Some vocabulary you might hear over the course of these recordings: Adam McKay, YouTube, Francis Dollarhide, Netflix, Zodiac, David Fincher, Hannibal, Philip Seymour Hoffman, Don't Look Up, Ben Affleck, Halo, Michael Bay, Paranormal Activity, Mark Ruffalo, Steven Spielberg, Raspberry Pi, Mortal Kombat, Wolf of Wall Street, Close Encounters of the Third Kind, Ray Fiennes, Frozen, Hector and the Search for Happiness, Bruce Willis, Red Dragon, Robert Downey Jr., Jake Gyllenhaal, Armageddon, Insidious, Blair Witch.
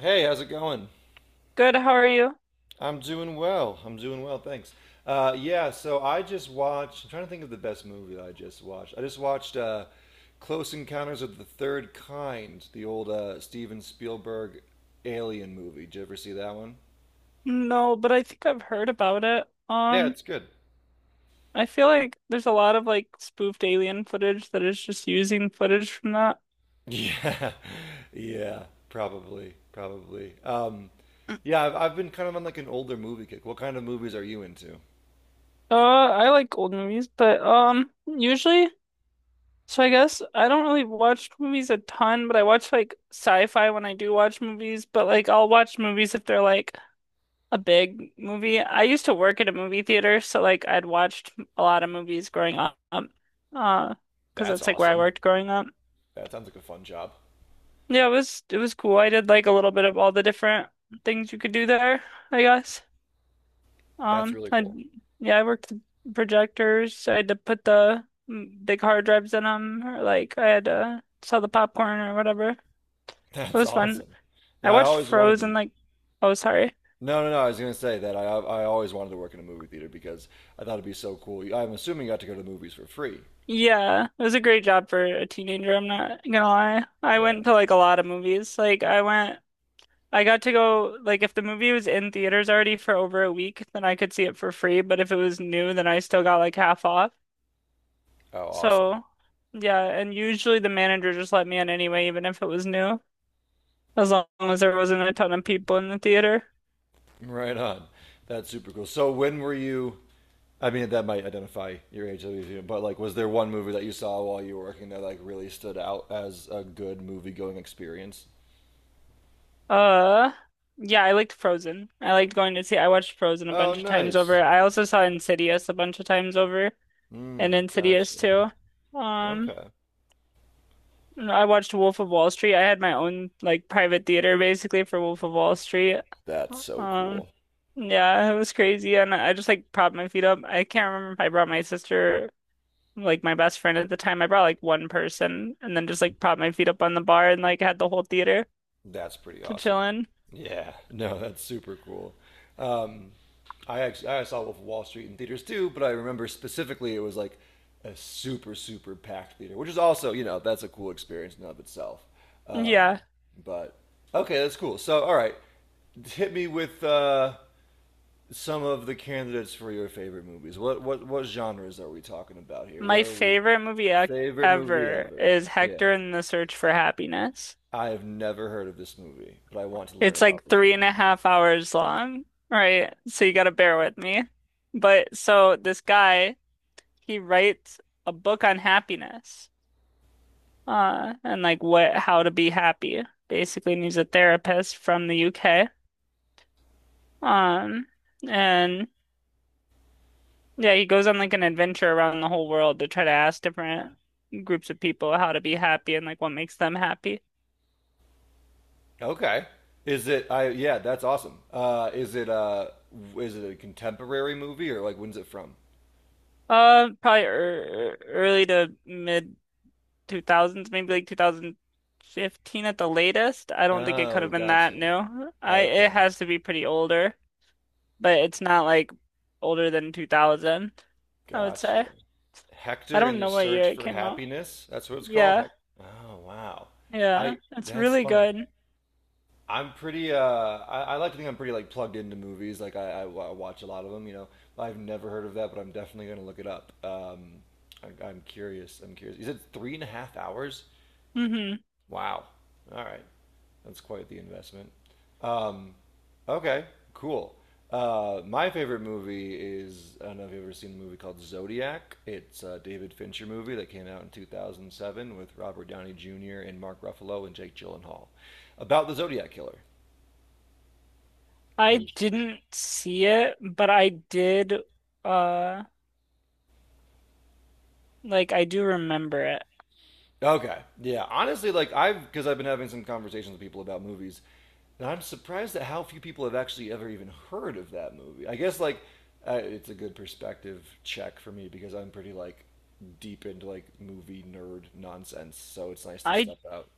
Hey, how's it going? Good, how are you? I'm doing well. I'm doing well, thanks. Yeah, so I just watched. I'm trying to think of the best movie that I just watched. I just watched Close Encounters of the Third Kind, the old Steven Spielberg alien movie. Did you ever see that one? No, but I think I've heard about it. Yeah, it's good. I feel like there's a lot of like spoofed alien footage that is just using footage from that. Yeah, yeah, probably, probably. Yeah, I've been kind of on like an older movie kick. What kind of movies are you into? I like old movies, but usually, so I guess I don't really watch movies a ton, but I watch like sci-fi when I do watch movies, but like I'll watch movies if they're like a big movie. I used to work at a movie theater, so like I'd watched a lot of movies growing up. Uh, because That's that's like where I awesome. worked growing up. That sounds like a fun job. Yeah, it was cool. I did like a little bit of all the different things you could do there, I guess. That's Um, really I cool. yeah, I worked the projectors. I had to put the big hard drives in them, or like I had to sell the popcorn or whatever. It That's was fun. awesome. I Yeah, I watched always wanted Frozen to. like, oh sorry. No, no, no. I was going to say that I always wanted to work in a movie theater because I thought it'd be so cool. I'm assuming you got to go to the movies for free. Yeah, it was a great job for a teenager. I'm not gonna lie. I Yeah. went to like a lot of movies. Like I went. I got to go, like, if the movie was in theaters already for over a week, then I could see it for free. But if it was new, then I still got like half off. Oh, awesome. So, yeah. And usually the manager just let me in anyway, even if it was new, as long as there wasn't a ton of people in the theater. Right on. That's super cool. So when were you? I mean, that might identify your age, but like, was there one movie that you saw while you were working that like really stood out as a good movie going experience? Uh, yeah, I liked Frozen. I liked going to see, I watched Frozen a Oh, bunch of times over. nice. I also saw Insidious a bunch of times over and Hmm. Insidious Gotcha. too. Um, Okay. I watched Wolf of Wall Street. I had my own like private theater basically for Wolf of Wall Street. That's so Um, cool. yeah, it was crazy, and I just like propped my feet up. I can't remember if I brought my sister, like my best friend at the time. I brought like one person, and then just like propped my feet up on the bar and like had the whole theater That's pretty to awesome. chill in. Yeah, no, that's super cool. Um, I actually I saw Wolf of Wall Street in theaters too, but I remember specifically it was like a super super packed theater, which is also that's a cool experience in and of itself. Um, Yeah, but okay, that's cool. So all right, hit me with some of the candidates for your favorite movies. What genres are we talking about here? my Where are we? favorite movie ac Favorite movie ever ever? is Yeah, Hector and the Search for Happiness. I have never heard of this movie, but I want to learn It's about like this three and a movie. half hours long, right? So you gotta bear with me. But so this guy, he writes a book on happiness, and like what how to be happy, basically. And he's a therapist from the UK. Um, and Yeah, he goes on like an adventure around the whole world to try to ask different groups of people how to be happy and like what makes them happy. Okay. Is it? I Yeah, that's awesome. Is it? Is it a contemporary movie or like when's it from? Probably early to mid 2000s, maybe like 2015 at the latest. I don't think it could Oh, have been that gotcha. new. I It Okay, has to be pretty older, but it's not like older than 2000, I would say. gotcha. I Hector don't and the know what year Search it for came out. Happiness. That's what it's called. Yeah, Oh wow. yeah, I it's That's really funny. good. I'm pretty. I like to think I'm pretty like plugged into movies. Like watch a lot of them. You know, I've never heard of that, but I'm definitely gonna look it up. I'm curious. I'm curious. You said three and a half hours? Hmm. Wow. All right. That's quite the investment. Um, okay, cool. My favorite movie is I don't know if you've ever seen the movie called Zodiac. It's a David Fincher movie that came out in 2007 with Robert Downey Jr. and Mark Ruffalo and Jake Gyllenhaal about the Zodiac killer. I Have you didn't see it, but I did, uh, like I do remember it. Okay. Yeah. Honestly, like I've because I've been having some conversations with people about movies, and I'm surprised at how few people have actually ever even heard of that movie. I guess like it's a good perspective check for me because I'm pretty like deep into like movie nerd nonsense, so it's nice to I step out.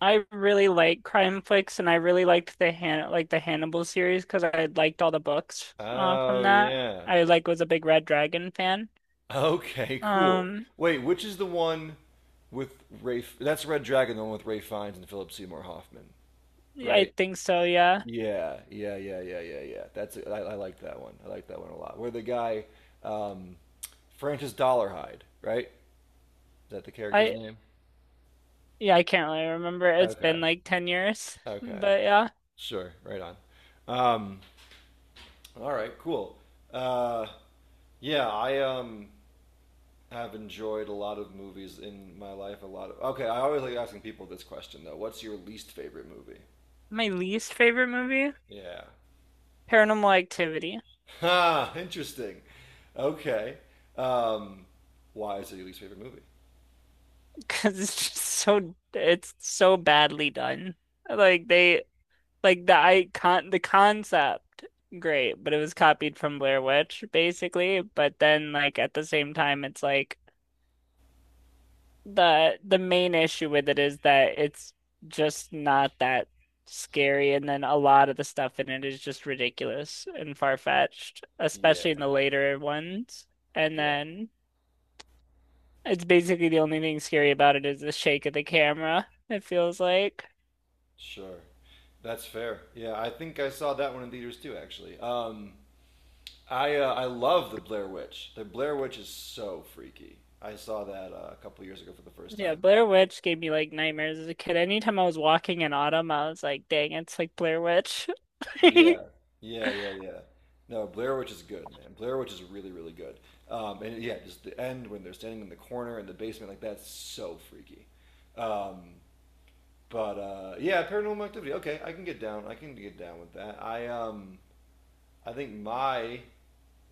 I really like crime flicks, and I really liked the Hannibal series because I liked all the books from Oh that. yeah. I was a big Red Dragon fan. Okay. Cool. Um, Wait, which is the one with Ray? That's Red Dragon, the one with Ray Fiennes and Philip Seymour Hoffman, yeah, I right? think so. Yeah, Yeah, yeah, yeah, yeah, yeah, yeah. That's I like that one. I like that one a lot. Where the guy, um, Francis Dollarhide, right? Is that the character's I name? yeah, I can't really remember. It's Okay, been like 10 years, okay, but yeah, sure, right on. Um, all right, cool. Uh, yeah, I have enjoyed a lot of movies in my life. A lot of Okay. I always like asking people this question though. What's your least favorite movie? my least favorite movie, Yeah. Paranormal Activity. Ha! Interesting. Okay. Um, why is it your least favorite movie? Because it's just so it's so badly done. Like they Like the icon, the concept, great, but it was copied from Blair Witch basically. But then, like at the same time, it's like the main issue with it is that it's just not that scary, and then a lot of the stuff in it is just ridiculous and far-fetched, especially in the Yeah. later ones. And Yeah, then it's basically the only thing scary about it is the shake of the camera, it feels like. sure. That's fair. Yeah, I think I saw that one in theaters too, actually. I love the Blair Witch. The Blair Witch is so freaky. I saw that a couple years ago for the first Yeah, time. Blair Witch gave me like nightmares as a kid. Anytime I was walking in autumn, I was like, dang, it's like Blair Witch. Yeah, yeah, yeah, yeah. No, Blair Witch is good, man. Blair Witch is really, really good. And yeah, just the end when they're standing in the corner in the basement, like that's so freaky. Um, but yeah, Paranormal Activity. Okay, I can get down. I can get down with that. I think my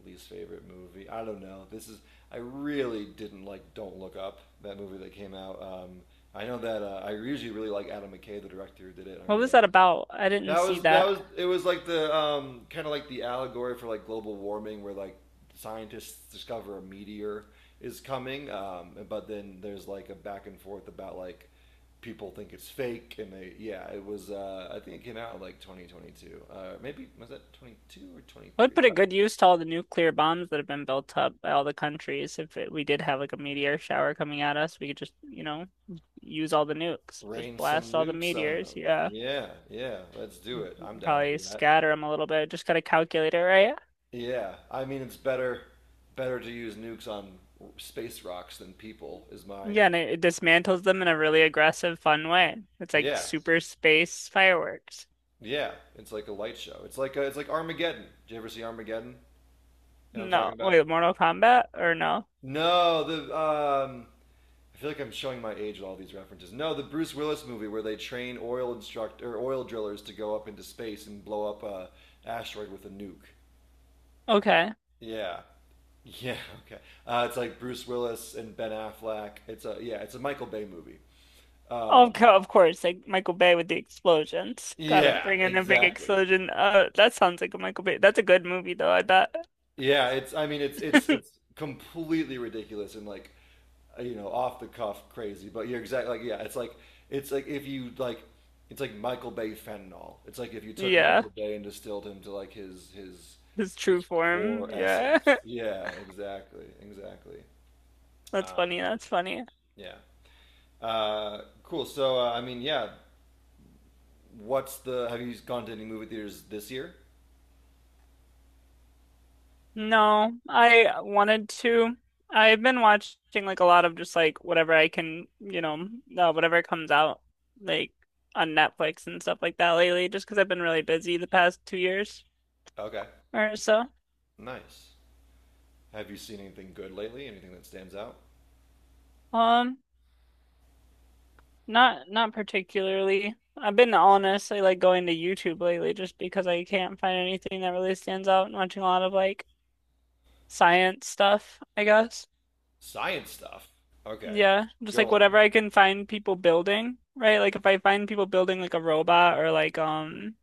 least favorite movie. I don't know. This is I really didn't like Don't Look Up, that movie that came out. I know that I usually really like Adam McKay, the director who did it. And I What really was like that him. about? I didn't that see was That that. was it was like the kind of like the allegory for like global warming, where like scientists discover a meteor is coming, but then there's like a back and forth about like people think it's fake, and they yeah, it was I think it came out in, like 2022, maybe. Was that 22 or I would 23? put a good use to all the nuclear bombs that have been built up by all the countries. If it, We did have like a meteor shower coming at us, we could just, you know, use all the nukes, just Rain blast some all the nukes on meteors. them. Yeah. Yeah, yeah, let's do Mm, it. I'm down for Probably that. scatter them a little bit. Just gotta calculate it right. Yeah, I mean it's better to use nukes on space rocks than people is my, Yeah, and it dismantles them in a really aggressive, fun way. It's like yeah. super space fireworks. Yeah, it's like a light show. It's like Armageddon. Did you ever see Armageddon? You know what I'm talking No, about? wait, Mortal Kombat or no? No, the I feel like I'm showing my age with all these references. No, the Bruce Willis movie where they train oil instruct or oil drillers to go up into space and blow up a asteroid with a nuke. Okay. Yeah. Yeah, okay. It's like Bruce Willis and Ben Affleck. It's a Michael Bay movie. Um, Of course, like Michael Bay with the explosions. Gotta yeah, bring in a big exactly. explosion. That sounds like a Michael Bay. That's a good movie though, I bet. Yeah, it's I mean it's it's it's completely ridiculous and like off the cuff crazy, but you're exactly like, yeah, it's like, it's like if you like it's like Michael Bay fentanyl. It's like if you took Yeah, Michael Bay and distilled him to like his his true form. core Yeah. essence. Yeah, exactly. Exactly. That's Um, funny. That's funny. yeah. Cool. So I mean, yeah. What's the? Have you gone to any movie theaters this year? No, I wanted to. I've been watching like a lot of just like whatever I can, you know, whatever comes out like on Netflix and stuff like that lately, just because I've been really busy the past 2 years Okay. or so. Nice. Have you seen anything good lately? Anything that stands out? Um, Not not particularly. I've been honestly like going to YouTube lately just because I can't find anything that really stands out and watching a lot of like science stuff, I guess. Science stuff. Okay. Yeah, just like Go whatever on. I can find people building, right? Like if I find people building like a robot or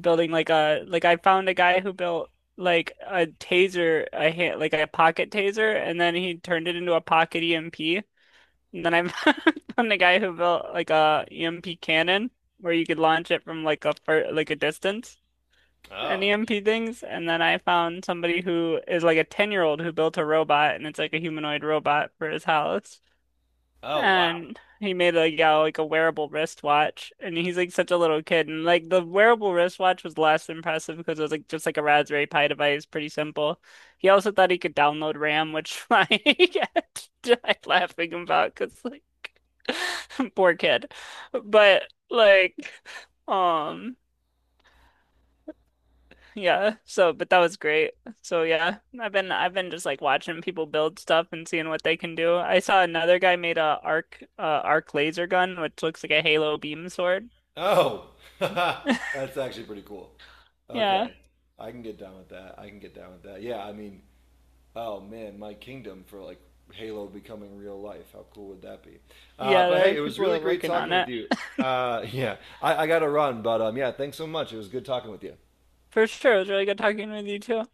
building like a like I found a guy who built like a taser, a hand, like a pocket taser and then he turned it into a pocket EMP. And then I've found a guy who built like a EMP cannon where you could launch it from like a far, like a distance and Oh. EMP things. And then I found somebody who is like a 10-year-old who built a robot and it's like a humanoid robot for his house. Oh wow. And he made like yeah, like a wearable wristwatch, and he's like such a little kid, and like the wearable wristwatch was less impressive because it was like just like a Raspberry Pi device, pretty simple. He also thought he could download RAM, which like I died laughing about because like poor kid, but like um. Yeah. So, but that was great. So yeah, I've been just like watching people build stuff and seeing what they can do. I saw another guy made a arc laser gun, which looks like a Halo beam sword. Oh. That's actually pretty cool. Yeah. Okay. I can get down with that. I can get down with that. Yeah, I mean, oh man, my kingdom for like Halo becoming real life. How cool would that be? Uh, Yeah, but there hey, are it was people who really are great working talking on with it. you. Yeah, I got to run, but yeah, thanks so much. It was good talking with you. For sure. It was really good talking with you too.